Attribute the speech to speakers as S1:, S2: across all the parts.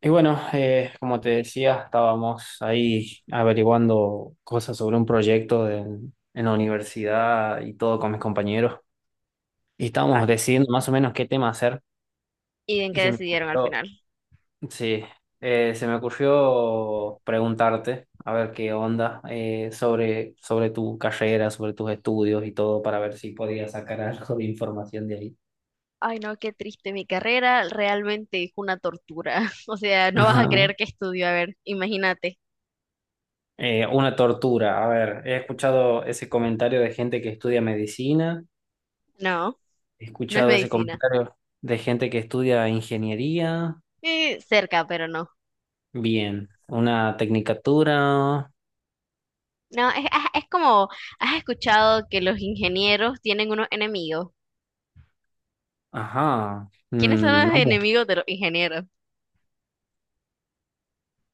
S1: Y bueno, como te decía, estábamos ahí averiguando cosas sobre un proyecto de- en la universidad y todo con mis compañeros. Y estábamos
S2: Ay,
S1: decidiendo más o menos qué tema hacer.
S2: ¿y en qué
S1: Y se me
S2: decidieron al
S1: ocurrió,
S2: final?
S1: sí, se me ocurrió preguntarte, a ver qué onda, sobre tu carrera, sobre tus estudios y todo, para ver si podías sacar algo de información de ahí.
S2: Ay, no, qué triste. Mi carrera realmente es una tortura. O sea, no vas a
S1: Ajá.
S2: creer que estudio. A ver, imagínate.
S1: Una tortura. A ver, he escuchado ese comentario de gente que estudia medicina.
S2: No,
S1: He
S2: no es
S1: escuchado ese
S2: medicina.
S1: comentario de gente que estudia ingeniería.
S2: Cerca, pero no.
S1: Bien. Una tecnicatura.
S2: No, es como, ¿has escuchado que los ingenieros tienen unos enemigos?
S1: Ajá.
S2: ¿Quiénes son
S1: Mm, no
S2: los
S1: mucho.
S2: enemigos de los ingenieros?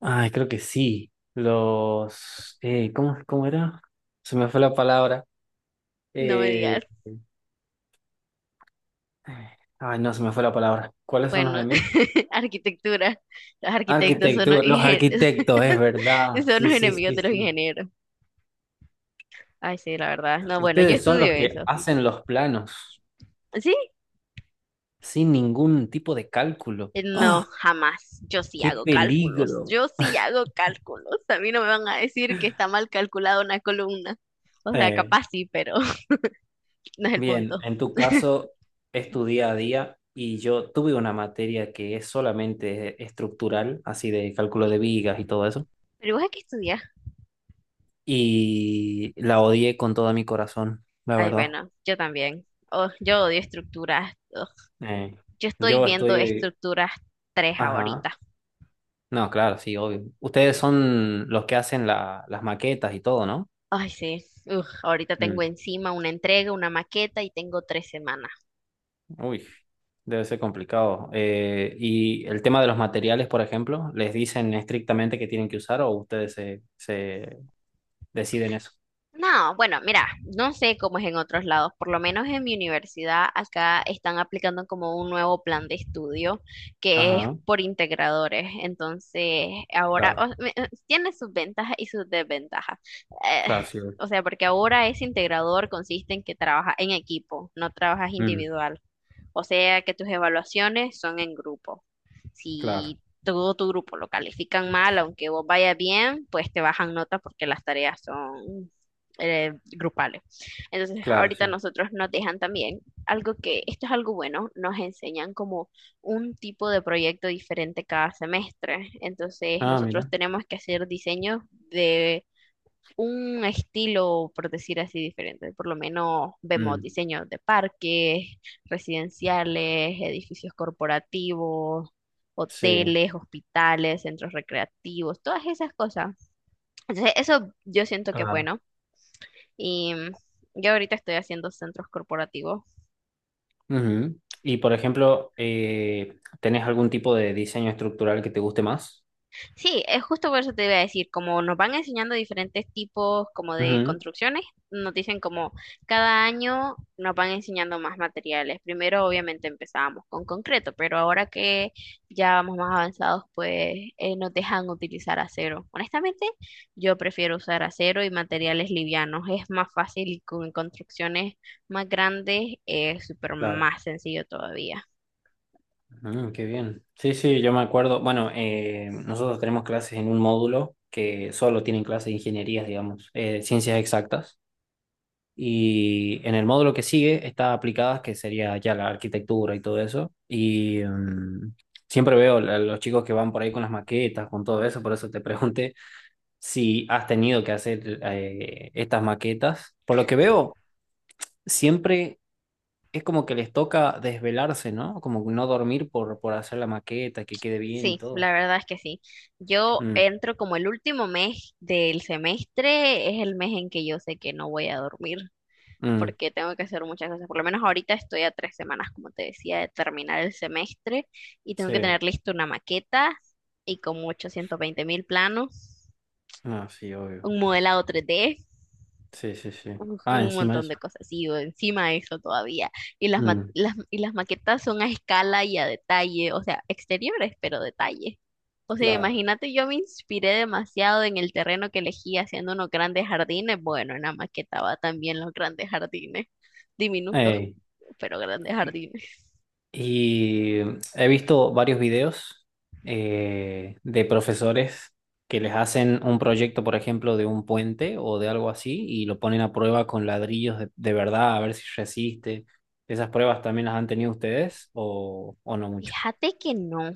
S1: Ay, creo que sí. Los... ¿cómo, cómo era? Se me fue la palabra.
S2: No me
S1: Eh,
S2: digas.
S1: ay, no, se me fue la palabra. ¿Cuáles son los
S2: Bueno,
S1: enemigos?
S2: arquitectura. Los arquitectos
S1: Arquitecto, los arquitectos, es verdad.
S2: son
S1: Sí,
S2: los
S1: sí,
S2: enemigos
S1: sí,
S2: de los
S1: sí.
S2: ingenieros. Ay, sí, la verdad. No, bueno, yo
S1: Ustedes son
S2: estudio
S1: los que
S2: eso.
S1: hacen los planos
S2: Sí,
S1: sin ningún tipo de cálculo.
S2: no,
S1: ¡Ah!
S2: jamás. Yo sí
S1: ¡Qué
S2: hago cálculos.
S1: peligro!
S2: Yo sí hago cálculos. A mí no me van a decir que está mal calculada una columna. O sea,
S1: Eh,
S2: capaz sí, pero no es el
S1: Bien,
S2: punto.
S1: en tu caso es tu día a día y yo tuve una materia que es solamente estructural, así de cálculo
S2: Y-
S1: de vigas y todo eso,
S2: ¿Pero vos a qué estudias?
S1: y la odié con todo mi corazón, la
S2: Ay,
S1: verdad.
S2: bueno, yo también. Oh, yo odio estructuras. Ugh.
S1: Eh,
S2: Yo estoy
S1: yo
S2: viendo
S1: estoy...
S2: estructuras tres
S1: Ajá,
S2: ahorita.
S1: no, claro, sí, obvio. Ustedes son los que hacen la- las maquetas y todo, ¿no?
S2: Ay, sí. Ugh, ahorita tengo
S1: Mm,
S2: encima una entrega, una maqueta y tengo 3 semanas.
S1: uy, debe ser complicado. Y el tema de los materiales, por ejemplo, ¿les dicen estrictamente que tienen que usar o ustedes se deciden eso?
S2: No, bueno, mira, no sé cómo es en otros lados, por lo menos en mi universidad acá están aplicando como un nuevo plan de estudio que es
S1: Ajá,
S2: por integradores, entonces ahora
S1: claro,
S2: tiene sus ventajas y sus desventajas. Eh,
S1: claro, sí, güey.
S2: o sea, porque ahora ese integrador consiste en que trabajas en equipo, no trabajas
S1: Mm,
S2: individual, o sea que tus evaluaciones son en grupo.
S1: claro,
S2: Si todo tu grupo lo califican mal, aunque vos vayas bien, pues te bajan nota porque las tareas son grupales. Entonces,
S1: claro,
S2: ahorita
S1: sí.
S2: nosotros nos dejan también algo que, esto es algo bueno, nos enseñan como un tipo de proyecto diferente cada semestre. Entonces,
S1: Ah,
S2: nosotros
S1: mira.
S2: tenemos que hacer diseños de un estilo, por decir así, diferente. Por lo menos vemos
S1: Mm,
S2: diseños de parques, residenciales, edificios corporativos,
S1: sí,
S2: hoteles, hospitales, centros recreativos, todas esas cosas. Entonces, eso yo siento que es
S1: claro.
S2: bueno y yo ahorita estoy haciendo centros corporativos.
S1: Ujú. Y por ejemplo, ¿tenés algún tipo de diseño estructural que te guste más?
S2: Sí, es justo por eso te iba a decir, como nos van enseñando diferentes tipos como de
S1: Ujú,
S2: construcciones, nos dicen como cada año nos van enseñando más materiales. Primero obviamente empezábamos con concreto, pero ahora que ya vamos más avanzados, pues nos dejan utilizar acero. Honestamente, yo prefiero usar acero y materiales livianos. Es más fácil y con construcciones más grandes es súper
S1: claro.
S2: más sencillo todavía.
S1: Mm, qué bien. Sí, sí, yo me acuerdo. Bueno, nosotros tenemos clases en un módulo que solo tienen clases de ingenierías, digamos, ciencias exactas. Y en el módulo que sigue está aplicadas, que sería ya la arquitectura y todo eso. Y mm, siempre veo a los chicos que van por ahí con las maquetas, con todo eso. Por eso te pregunté si has tenido que hacer estas maquetas. Por lo que veo, siempre es como que les toca desvelarse, ¿no? Como no dormir por hacer la maqueta, que quede bien y
S2: Sí,
S1: todo.
S2: la verdad es que sí. Yo
S1: Mm,
S2: entro como el último mes del semestre, es el mes en que yo sé que no voy a dormir
S1: mm,
S2: porque tengo que hacer muchas cosas. Por lo menos ahorita estoy a 3 semanas, como te decía, de terminar el semestre y tengo que
S1: sí,
S2: tener lista una maqueta y como 820.000 planos,
S1: no, sí, obvio.
S2: un modelado tres d
S1: Sí, sí, sí.
S2: Uf,
S1: Ah,
S2: un
S1: encima de
S2: montón
S1: eso.
S2: de cosas, y o encima de eso todavía. Y las, ma-
S1: Mm,
S2: las, y las maquetas son a escala y a detalle, o sea, exteriores, pero detalle. O sea,
S1: claro.
S2: imagínate, yo me inspiré demasiado en el terreno que elegí haciendo unos grandes jardines. Bueno, en la maqueta va también los grandes jardines, diminutos,
S1: Ey.
S2: pero grandes jardines.
S1: Y he visto varios videos de profesores que les hacen un proyecto, por ejemplo, de un puente o de algo así, y lo ponen a prueba con ladrillos de verdad, a ver si resiste. ¿Esas pruebas también las han tenido ustedes o no mucho?
S2: Fíjate que no.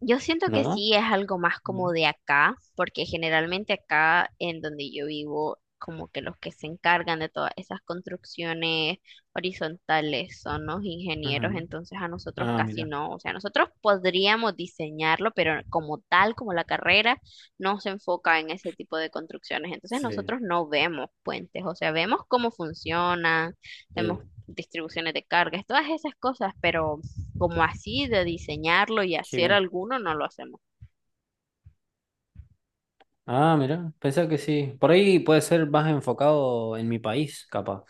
S2: Yo siento que
S1: ¿No?
S2: sí es algo más como
S1: No.
S2: de acá, porque generalmente acá en donde yo vivo, como que los que se encargan de todas esas construcciones horizontales son los ingenieros,
S1: Ujú.
S2: entonces a nosotros
S1: Ah,
S2: casi
S1: mira.
S2: no. O sea, nosotros podríamos diseñarlo, pero como tal, como la carrera, no se enfoca en ese tipo de construcciones. Entonces
S1: Sí,
S2: nosotros no vemos puentes, o sea, vemos cómo funcionan, vemos
S1: sí.
S2: distribuciones de cargas, todas esas cosas, pero como así de diseñarlo y
S1: Qué
S2: hacer
S1: bien.
S2: alguno, no lo hacemos.
S1: Ah, mira. Pensé que sí. Por ahí puede ser más enfocado en mi país, capaz.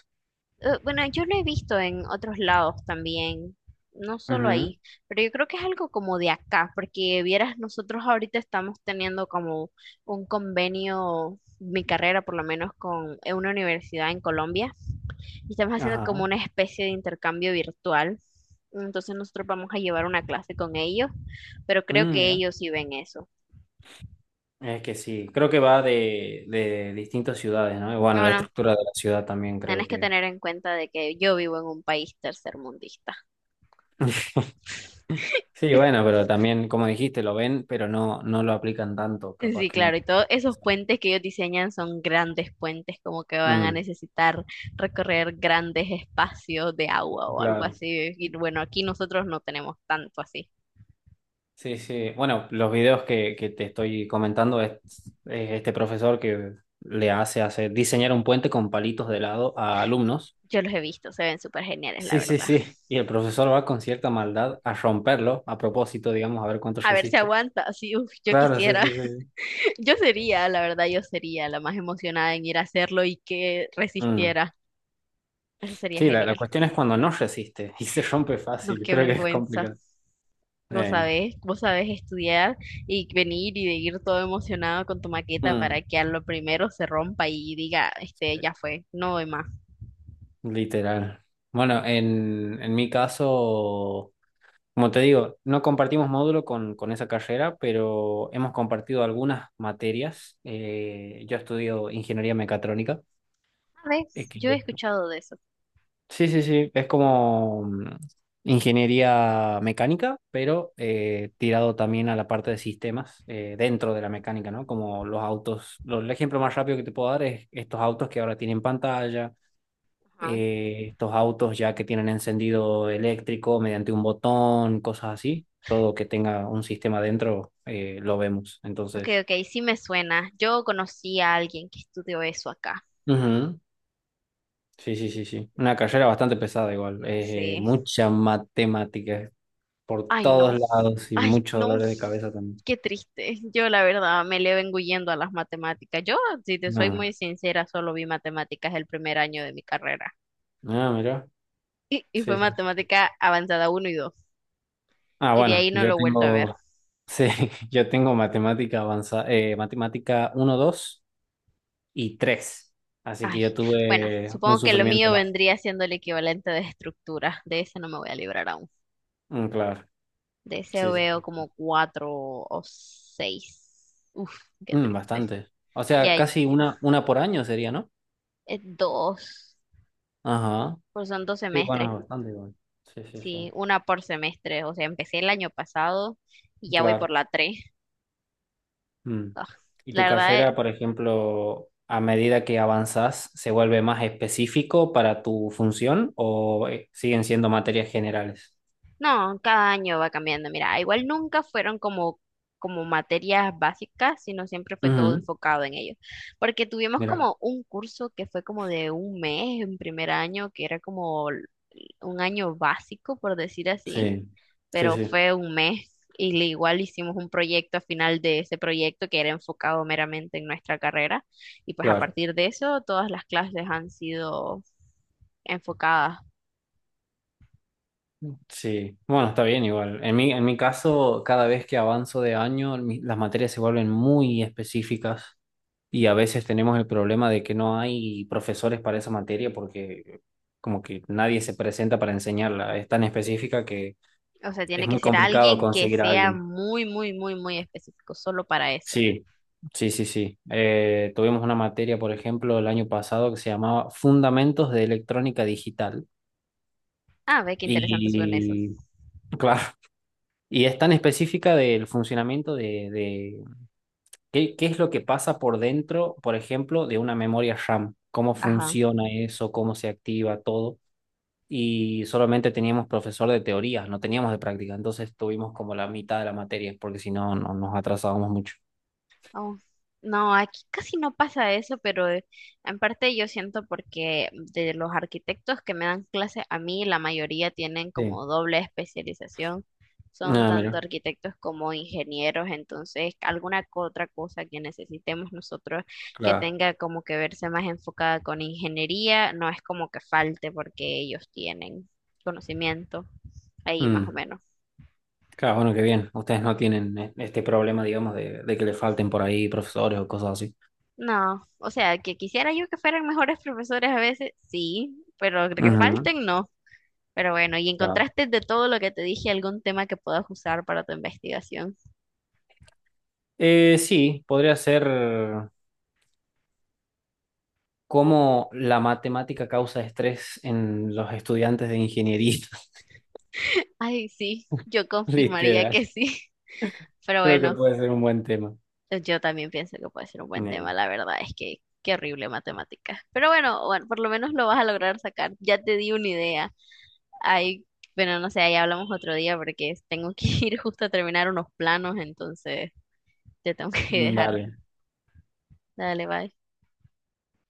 S2: Bueno, yo lo he visto en otros lados también, no solo
S1: Ujú.
S2: ahí, pero yo creo que es algo como de acá, porque vieras, nosotros ahorita estamos teniendo como un convenio, mi carrera por lo menos, con una universidad en Colombia, y estamos haciendo como
S1: Ajá.
S2: una especie de intercambio virtual. Entonces nosotros vamos a llevar una clase con ellos, pero creo
S1: Mm,
S2: que
S1: mira.
S2: ellos sí ven eso.
S1: Es que sí, creo que va de distintas ciudades, ¿no? Y bueno, la
S2: Bueno,
S1: estructura de la ciudad también creo
S2: tienes que
S1: que...
S2: tener en cuenta de que yo vivo en un país tercermundista.
S1: Sí, bueno, pero también, como dijiste, lo ven, pero no, no lo aplican tanto, capaz
S2: Sí,
S1: que
S2: claro,
S1: no.
S2: y todos esos puentes que ellos diseñan son grandes puentes, como que van a
S1: Mm,
S2: necesitar recorrer grandes espacios de agua o algo
S1: claro.
S2: así. Y bueno, aquí nosotros no tenemos tanto así.
S1: Sí, sí. Bueno, los videos que te estoy comentando es este profesor que le hace hacer diseñar un puente con palitos de lado a alumnos.
S2: Yo los he visto, se ven súper geniales, la
S1: Sí, sí,
S2: verdad.
S1: sí. Y el profesor va con cierta maldad a romperlo, a propósito, digamos, a ver cuánto
S2: A ver si
S1: resiste.
S2: aguanta, así, uf, yo
S1: Claro, sí,
S2: quisiera.
S1: sí, sí. Sí.
S2: Yo sería, la verdad, yo sería la más emocionada en ir a hacerlo y que
S1: Mm.
S2: resistiera. Eso sería
S1: Sí, la
S2: genial.
S1: cuestión es cuando no resiste y se rompe
S2: No,
S1: fácil,
S2: qué
S1: creo que es
S2: vergüenza.
S1: complicado. Eh,
S2: Vos sabés estudiar y venir y de ir todo emocionado con tu maqueta
S1: mm,
S2: para que a lo primero se rompa y diga, este,
S1: eh,
S2: ya fue, no voy más.
S1: literal. Bueno, en mi caso, como te digo, no compartimos módulo con esa carrera, pero hemos compartido algunas materias. Yo estudio ingeniería mecatrónica, eh,
S2: ¿Sabes?
S1: que
S2: Yo he escuchado de eso.
S1: sí, sí, sí, es como mm, ingeniería mecánica, pero tirado también a la parte de sistemas dentro de la mecánica, ¿no? Como los autos, lo- el ejemplo más rápido que te puedo dar es estos autos que ahora tienen pantalla,
S2: Ajá.
S1: estos autos ya que tienen encendido eléctrico mediante un botón, cosas así, todo que tenga un sistema dentro lo vemos,
S2: Ok,
S1: entonces.
S2: ok, sí me suena. Yo conocí a alguien que estudió eso acá.
S1: Ujú, sí, sí, sí, sí. Una carrera bastante pesada igual,
S2: Sí.
S1: mucha matemática por
S2: Ay, no.
S1: todos lados y
S2: Ay,
S1: muchos
S2: no.
S1: dolores de cabeza también.
S2: Qué triste. Yo, la verdad, me le vengo huyendo a las matemáticas. Yo, si te soy muy
S1: No.
S2: sincera, solo vi matemáticas el primer año de mi carrera.
S1: Ah, mira.
S2: Y fue
S1: Sí, sí, sí.
S2: matemática avanzada uno y dos.
S1: Ah,
S2: Y de
S1: bueno,
S2: ahí no
S1: yo
S2: lo he vuelto a ver.
S1: tengo, sí, yo tengo matemática avanzada, matemática uno 2 y tres. Así que
S2: Ay,
S1: yo
S2: bueno,
S1: tuve un
S2: supongo que lo
S1: sufrimiento
S2: mío
S1: más.
S2: vendría siendo el equivalente de estructura. De ese no me voy a librar aún.
S1: Mm, claro,
S2: De ese
S1: sí,
S2: veo
S1: sí, sí.
S2: como cuatro o seis. Uf, qué
S1: Mm,
S2: triste.
S1: bastante. O
S2: Ya
S1: sea,
S2: hay
S1: casi una por año sería, ¿no?
S2: dos,
S1: Ajá.
S2: pues son dos
S1: Sí,
S2: semestres.
S1: bueno, bastante igual. Sí, sí, sí.
S2: Sí, una por semestre. O sea, empecé el año pasado y ya voy por
S1: Claro.
S2: la tres.
S1: Mm.
S2: Ah,
S1: ¿Y tu
S2: la verdad,
S1: carrera, por ejemplo, a medida que avanzás, se vuelve más específico para tu función o siguen siendo materias generales?
S2: no, cada año va cambiando. Mira, igual nunca fueron como materias básicas, sino siempre fue todo
S1: Ujú,
S2: enfocado en ellos. Porque tuvimos
S1: mira,
S2: como un curso que fue como de un mes en primer año, que era como un año básico, por decir así,
S1: sí, sí,
S2: pero
S1: sí,
S2: fue un mes. Y igual hicimos un proyecto a final de ese proyecto que era enfocado meramente en nuestra carrera. Y pues a
S1: claro,
S2: partir de eso, todas las clases han sido enfocadas
S1: sí. Bueno, está bien igual. En mi caso, cada vez que avanzo de año, mi- las materias se vuelven muy específicas y a veces tenemos el problema de que no hay profesores para esa materia porque como que nadie se presenta para enseñarla. Es tan específica que
S2: O sea, tiene
S1: es
S2: que
S1: muy
S2: ser
S1: complicado
S2: alguien que
S1: conseguir a
S2: sea
S1: alguien.
S2: muy, muy, muy, muy específico, solo para eso.
S1: Sí, sí, sí, sí. Tuvimos una materia, por ejemplo, el año pasado que se llamaba Fundamentos de Electrónica Digital.
S2: Ah, ve qué interesante son esos.
S1: Y, claro, y es tan específica del funcionamiento de qué, qué es lo que pasa por dentro, por ejemplo, de una memoria RAM, cómo
S2: Ajá.
S1: funciona eso, cómo se activa todo. Y solamente teníamos profesor de teoría, no teníamos de práctica. Entonces tuvimos como la mitad de la materia, porque si no, no nos atrasábamos mucho.
S2: Oh, no, aquí casi no pasa eso, pero en parte yo siento porque de los arquitectos que me dan clase a mí, la mayoría tienen
S1: Sí.
S2: como doble especialización. Son
S1: Ah,
S2: tanto
S1: mira,
S2: arquitectos como ingenieros, entonces alguna otra cosa que necesitemos nosotros que
S1: claro.
S2: tenga como que verse más enfocada con ingeniería, no es como que falte porque ellos tienen conocimiento ahí más o
S1: Mm.
S2: menos.
S1: Claro, bueno, qué bien. Ustedes no tienen e- este problema, digamos, de que le falten por ahí profesores o cosas así.
S2: No, o sea, que quisiera yo que fueran mejores profesores a veces, sí, pero que
S1: Ujú,
S2: falten, no. Pero bueno, ¿y
S1: claro.
S2: encontraste de todo lo que te dije algún tema que puedas usar para tu investigación?
S1: Sí, podría ser cómo la matemática causa estrés en los estudiantes de ingeniería.
S2: Ay, sí, yo confirmaría
S1: Literal.
S2: que sí. Pero
S1: Creo que
S2: bueno,
S1: puede ser un buen tema.
S2: yo también pienso que puede ser un buen tema,
S1: Eh,
S2: la verdad es que qué horrible matemáticas. Pero bueno, bueno, por lo menos lo vas a lograr sacar. Ya te di una idea. Ay, bueno, no sé, ahí hablamos otro día porque tengo que ir justo a terminar unos planos, entonces te tengo que dejar.
S1: Dale.
S2: Dale, bye.